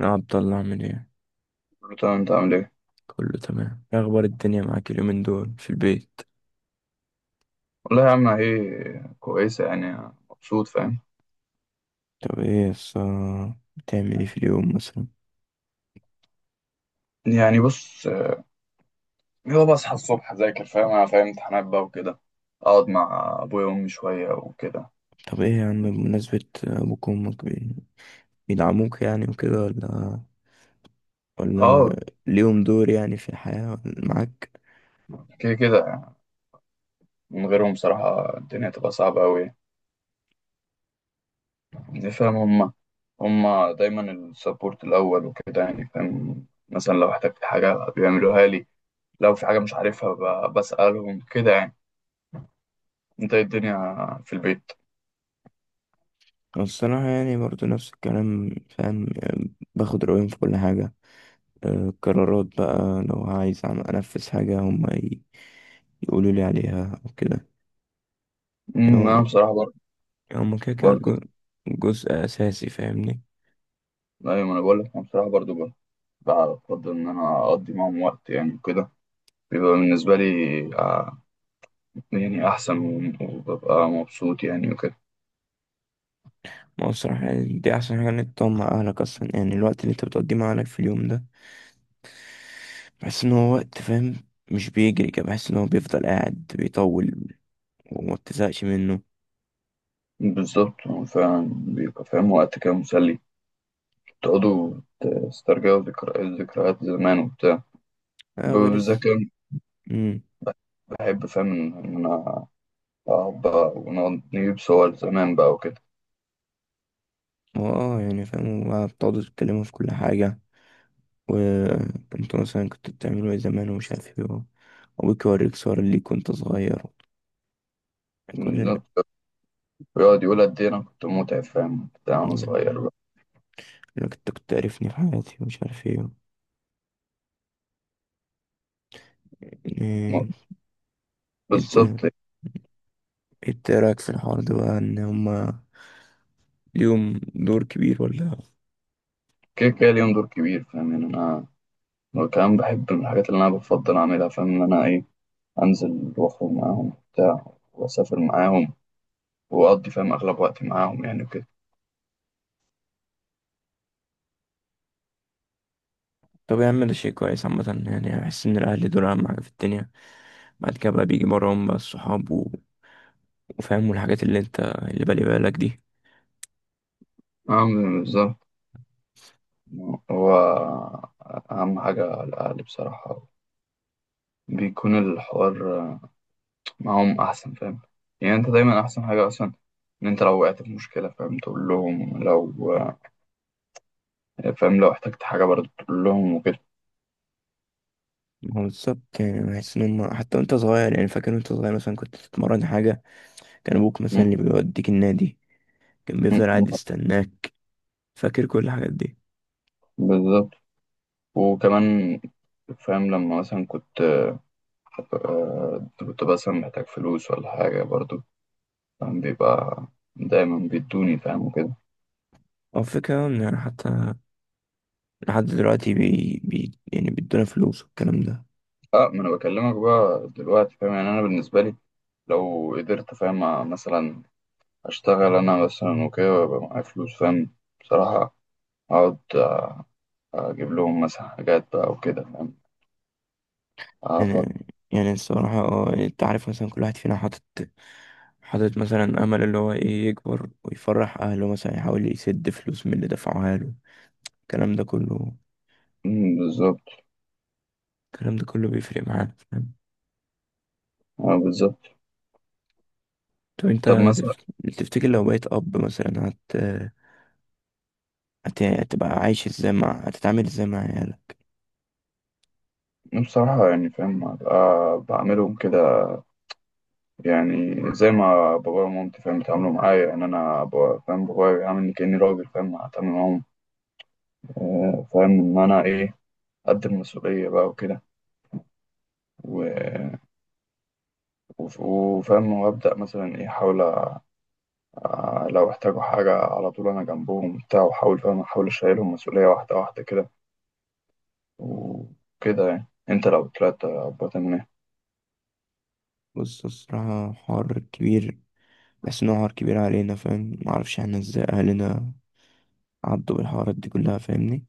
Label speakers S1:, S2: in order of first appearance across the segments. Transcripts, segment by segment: S1: يا عبد الله، عامل ايه؟
S2: تمام، انت عامل ايه؟
S1: كله تمام. إيه اخبار الدنيا معاك اليومين دول في البيت؟
S2: والله يا عم ايه كويسه، يعني مبسوط، فاهم.
S1: طب ايه بتعمل ايه في اليوم مثلا؟
S2: يعني بص. هو بصحى الصبح، اذاكر، فاهم انا، فاهم امتحانات بقى وكده. اقعد مع ابويا وامي شويه وكده.
S1: طب ايه يا عم، بمناسبة ابوك وامك، بيدعموك يعني وكده ولا
S2: اه،
S1: ليهم دور يعني في الحياة ولا معاك؟
S2: كده كده يعني. من غيرهم بصراحه الدنيا تبقى صعبه قوي. يعني فاهم، هما دايما السبورت الاول وكده. يعني فاهم مثلا لو احتجت حاجه بيعملوها لي، لو في حاجه مش عارفها، بسالهم كده يعني. انت ايه الدنيا في البيت؟
S1: أنا الصراحة يعني برضو نفس الكلام فاهم. باخد رأيهم في كل حاجة. آه، القرارات بقى لو عايز أنفذ حاجة، هما يقولوا لي عليها أو كده. يعني
S2: انا
S1: هما
S2: بصراحه برضه
S1: هما كده كده
S2: برضه
S1: جزء أساسي فاهمني.
S2: ايوه، ما انا بقول لك، انا بصراحه برضه، بقى أفضل إن أنا أقضي معاهم وقت، يعني وكده. بيبقى بالنسبة لي آه، يعني أحسن، وببقى مبسوط يعني وكده.
S1: ما هو الصراحة يعني دي أحسن حاجة إنك تقعد مع أهلك أصلا. يعني الوقت اللي أنت بتقضيه مع أهلك في اليوم ده، بحس إن هو وقت فاهم، مش بيجري كده. بحس إن هو بيفضل قاعد بيطول، وما بتزهقش منه.
S2: بالظبط، هو فعلا بيبقى فاهم، وقت كده مسلي. تقعدوا تسترجعوا ذكريات، ذكريات زمان وبتاع.
S1: آه، غير
S2: بالذات
S1: الس-
S2: كمان
S1: أمم
S2: بحب، فاهم، إن أنا أقعد بقى، ونقعد نجيب صور زمان بقى وكده.
S1: هو آه يعني فاهم. هو بتقعدوا تتكلموا في كل حاجة، وأنتوا مثلا كنتوا بتعملوا إيه زمان، ومش عارف إيه وأبوك يوريك صور ليك وأنت صغير. كل ال...
S2: بالظبط. بيقعد يقول قد إيه أنا كنت متعب، فاهم بتاع، وأنا صغير بقى.
S1: لك أنت كنت تعرفني في حياتي، ومش عارف إيه إيه، أنت،
S2: بالظبط،
S1: أنت إيه رأيك في الحوار ده بقى؟ إن هما ليهم دور كبير ولا؟
S2: كده كده ليهم دور كبير، فاهم. يعني أنا، وكمان بحب من الحاجات اللي أنا بفضل أعملها، فاهم، إن أنا إيه، أنزل وأخرج معاهم بتاع، وأسافر معاهم، وأقضي فاهم أغلب وقتي معاهم يعني وكده.
S1: طب يا عم، ده شيء كويس عامة. يعني بحس إن الأهل دول أهم حاجة في الدنيا. بعد كده بقى بيجي براهم بقى الصحاب وفاهم الحاجات اللي أنت اللي بالي بالك دي.
S2: أعمل بالظبط. هو أهم حاجة على الأهل، بصراحة، بيكون الحوار معاهم أحسن، فاهم. يعني أنت دايما أحسن حاجة أصلا إن أنت لو وقعت في مشكلة، فاهم، تقول لهم. لو فاهم، لو احتجت حاجة برضه تقول لهم وكده.
S1: ما هو بالظبط، يعني بحس إن هما حتى وأنت صغير. يعني فاكر وأنت صغير مثلا كنت بتتمرن حاجة، كان أبوك مثلا
S2: م-
S1: اللي بيوديك النادي، كان
S2: م-
S1: بيفضل قاعد
S2: م-
S1: يستناك. فاكر كل الحاجات دي؟
S2: بالظبط. وكمان فاهم، لما مثلا كنت مثلا محتاج فلوس ولا حاجة، برضو فاهم بيبقى دايما بيدوني، فاهم وكده.
S1: هو الفكرة إن حتى لحد دلوقتي يعني بيدونا فلوس والكلام ده.
S2: اه، ما انا بكلمك بقى دلوقتي، فاهم. يعني انا بالنسبة لي، لو قدرت فاهم مثلا اشتغل انا مثلا وكده ويبقى معايا فلوس، فاهم بصراحة، اقعد اجيب لهم مثلا حاجات بقى وكده، فاهم افضل.
S1: يعني الصراحة اه، يعني انت عارف مثلا كل واحد فينا حاطط مثلا أمل، اللي هو ايه، يكبر ويفرح أهله، مثلا يحاول يسد فلوس من اللي دفعوها له. الكلام ده كله
S2: بالظبط.
S1: الكلام ده كله بيفرق معانا فاهم.
S2: اه، بالظبط.
S1: طب انت،
S2: طب مثلا.
S1: تف- تفتكر لو بقيت أب مثلا هتبقى عايش ازاي؟ مع هتتعامل ازاي مع عيالك؟
S2: بصراحة يعني فاهم هبقى بعملهم كده، يعني زي ما بابايا ومامتي فاهم بيتعاملوا معايا ان انا، فاهم بابايا بيعاملني كاني راجل، فاهم هتعامل معاهم. فاهم ان انا ايه، قد المسؤوليه بقى وكده. و- وفاهم، وابدا مثلا ايه، احاول لو احتاجوا حاجه على طول انا جنبهم وبتاع، واحاول فاهم احاول اشيلهم مسؤوليه، واحده واحده كده وكده يعني. انت لو طلعت ابويا تعمل ايه؟
S1: بص، الصراحة حوار كبير. بحس إنه حوار كبير علينا فاهم. معرفش احنا ازاي أهلنا عدوا بالحوارات دي كلها فاهمني.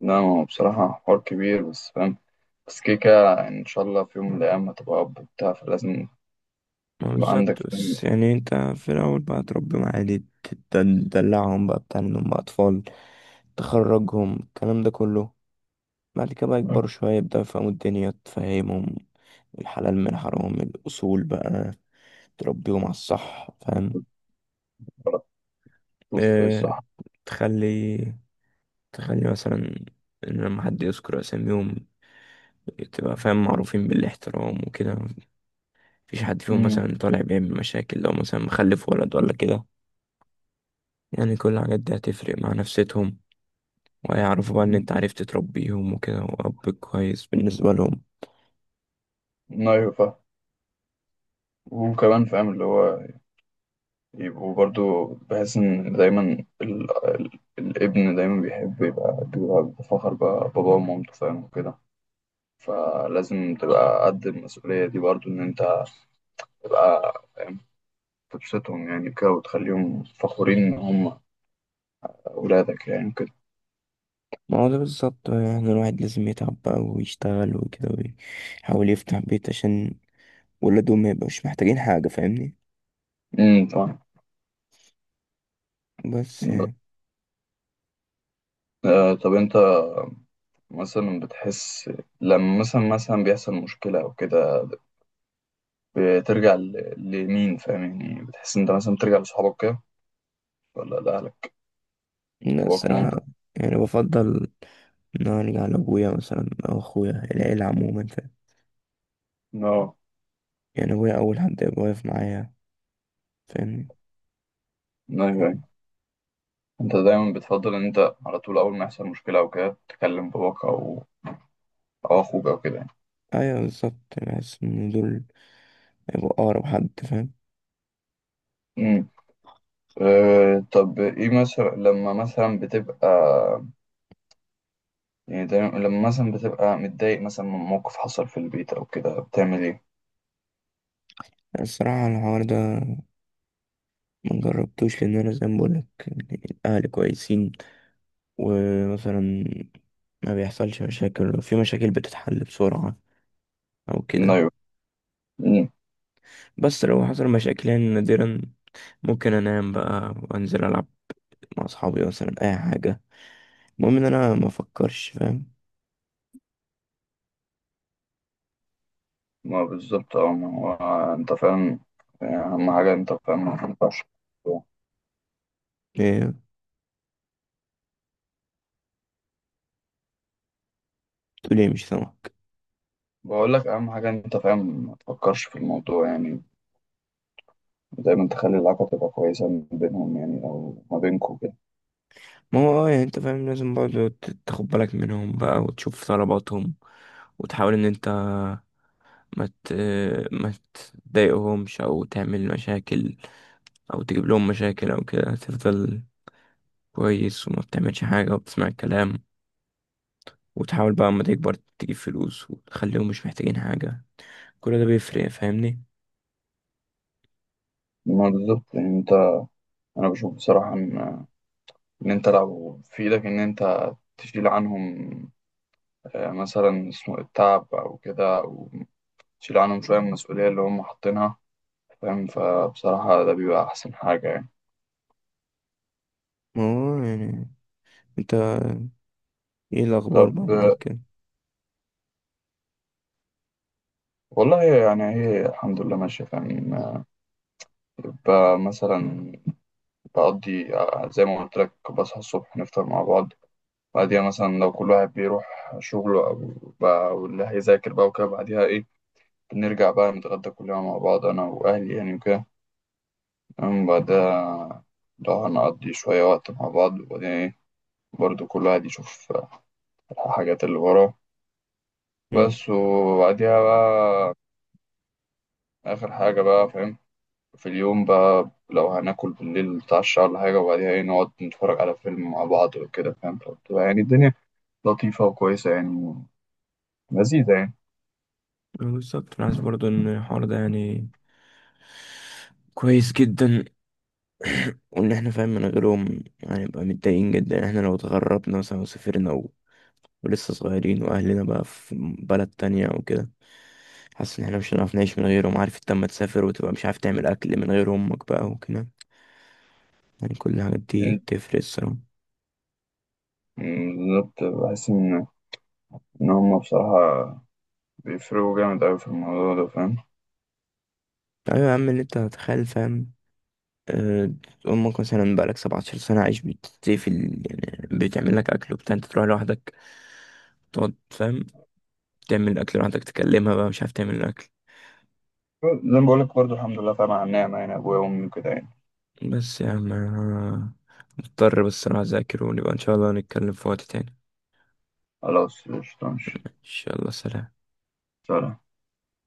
S2: لا، ما هو بصراحه حوار كبير بس، فاهم. بس كده كده ان شاء الله في يوم من الايام هتبقى اب وبتاع، فلازم
S1: ما
S2: يبقى عندك،
S1: بالظبط، بس
S2: فاهم.
S1: يعني انت في الأول بقى تربيهم عادي، تدلعهم بقى، بتعملهم بقى أطفال، تخرجهم، الكلام ده كله. بعد كده بقى يكبروا شوية، يبدأوا يفهموا الدنيا، تفهمهم الحلال من حرام، الأصول بقى، تربيهم على الصح فاهم.
S2: شوف ايه
S1: اه،
S2: الصح.
S1: تخلي تخلي مثلا إن لما حد يذكر أساميهم تبقى فاهم معروفين بالاحترام وكده. مفيش حد فيهم
S2: امم.
S1: مثلا طالع بيعمل مشاكل، لو مثلا مخلف ولد ولا كده. يعني كل الحاجات دي هتفرق مع نفسيتهم، ويعرفوا بقى ان
S2: أمم.
S1: انت عرفت تربيهم وكده، واب كويس بالنسبة لهم.
S2: ايوه، فاهم. وكمان فاهم، اللي هو يبقوا برضو، بحس ان دايما الابن دايما بيحب بيبقى بفخر بقى باباه ومامته، فاهم وكده. فلازم تبقى قد المسؤولية دي، برضو ان انت تبقى فاهم، تبسطهم يعني كده، وتخليهم فخورين ان هم اولادك يعني كده.
S1: ما هو ده بالظبط بقى. يعني الواحد لازم يتعب بقى ويشتغل وكده، ويحاول يفتح بيت عشان ولادهم ما يبقوش محتاجين حاجة فاهمني.
S2: امم، طبعا.
S1: بس يعني،
S2: آه، طب انت مثلا بتحس، لما مثلا بيحصل مشكلة او كده، بترجع لمين، فاهم يعني؟ بتحس إن أنت مثلا بترجع لصحابك كده، ولا لأهلك،
S1: لا
S2: أبوك
S1: الصراحة،
S2: ومامتك؟
S1: يعني بفضل ان أنا ارجع لابويا مثلا او اخويا، العيلة عموما فاهم.
S2: اه.
S1: يعني ابويا اول حد يبقى واقف معايا فاهمني.
S2: أيوه، أيوه. أنت دايما بتفضل إن أنت على طول أول ما يحصل مشكلة أو كده تكلم باباك، أو أخوك أو كده يعني.
S1: ايوه بالظبط، بحس ان دول هيبقوا اقرب حد فاهم.
S2: أمم. أه، طب إيه مثلا لما مثلا بتبقى، يعني دايما لما مثلا بتبقى متضايق مثلا من موقف حصل في البيت أو كده، بتعمل إيه؟
S1: الصراحة الحوار ده ما جربتوش، لان انا زي ما بقولك الاهل كويسين. ومثلا ما بيحصلش مشاكل، في مشاكل بتتحل بسرعة او كده.
S2: أيوه. أمم.
S1: بس لو حصل مشاكل يعني نادرا، ممكن انام بقى وانزل العب مع اصحابي، مثلا اي حاجة، المهم ان انا ما افكرش فاهم.
S2: ما بالظبط. ما هو أنت فاهم، يعني أهم حاجة أنت فاهم ما ينفعش.
S1: إيه، تقول ايه؟ مش سامعك.
S2: بقول لك اهم حاجه إن انت فاهم ما تفكرش في الموضوع، يعني دايما تخلي العلاقه تبقى كويسه ما بينهم، يعني او ما بينكم كده.
S1: ما هو اه، يعني انت فاهم لازم برضه تاخد بالك منهم بقى وتشوف طلباتهم، وتحاول ان انت ما ت... ما تضايقهمش او تعمل مشاكل او تجيب لهم مشاكل او كده. هتفضل كويس، وما بتعملش حاجة، وبتسمع الكلام، وتحاول بقى اما تكبر تجيب فلوس وتخليهم مش محتاجين حاجة. كل ده بيفرق فاهمني.
S2: ما بالظبط، يعني انت، انا بشوف بصراحه ان انت لو في ايدك ان انت تشيل عنهم مثلا اسمه التعب او كده، او تشيل عنهم شويه من المسؤوليه اللي هم حاطينها، فاهم، فبصراحه ده بيبقى احسن حاجه يعني.
S1: ما هو يعني انت، ايه الاخبار بقى
S2: طب
S1: معاك كده؟
S2: والله يعني هي الحمد لله ماشيه، فاهم. يبقى مثلا بقضي، زي ما قلت لك، بصحى الصبح نفطر مع بعض. بعديها مثلا لو كل واحد بيروح شغله، أو بقى واللي هيذاكر بقى وكده، بعديها إيه، بنرجع بقى نتغدى كلنا مع بعض أنا وأهلي يعني وكده. تمام، بعدها لو هنقضي شوية وقت مع بعض، وبعدين إيه، برضه كل واحد يشوف الحاجات اللي وراه
S1: امم
S2: بس، وبعديها بقى آخر حاجة بقى، فاهم، في اليوم بقى لو هناكل بالليل نتعشى ولا حاجة، وبعديها إيه، نقعد نتفرج على فيلم مع بعض وكده، فاهم. فبتبقى يعني الدنيا لطيفة وكويسة، يعني لذيذة
S1: بالظبط. انا حاسس برضه ان الحوار ده يعني كويس جدا. وان احنا فاهم من غيرهم هنبقى متضايقين جدا. احنا لو اتغربنا مثلا وسافرنا ولسه صغيرين وأهلنا بقى في بلد تانية وكده، حاسس إن احنا مش هنعرف نعيش من غيرهم. عارف انت لما تسافر وتبقى مش عارف تعمل أكل من غير أمك بقى وكده؟ يعني كل الحاجات دي
S2: يعني.
S1: بتفرق الصراحة.
S2: مم، بالظبط، بحس إن هما بصراحة بيفرقوا جامد أوي في الموضوع ده، فاهم.
S1: أيوة يا عم، اللي انت هتخيل فاهم. آه، أمك مثلا بقالك 17 سنة عايش بتطيب في يعني بتعمل لك أكل وبتاع، انت تروح لوحدك تقعد فاهم تعمل الأكل لوحدك، تكلمها بقى مش عارف تعمل الأكل.
S2: زي ما بقولك، برضه الحمد لله طبعا على النعمة، يعني أبويا وأمي وكده يعني.
S1: بس يا عم، أنا مضطر، بس أنا أذاكر، ونبقى إن شاء الله نتكلم في وقت تاني.
S2: خلاص، قشطة، ماشي.
S1: إن شاء الله، سلام.
S2: سلام.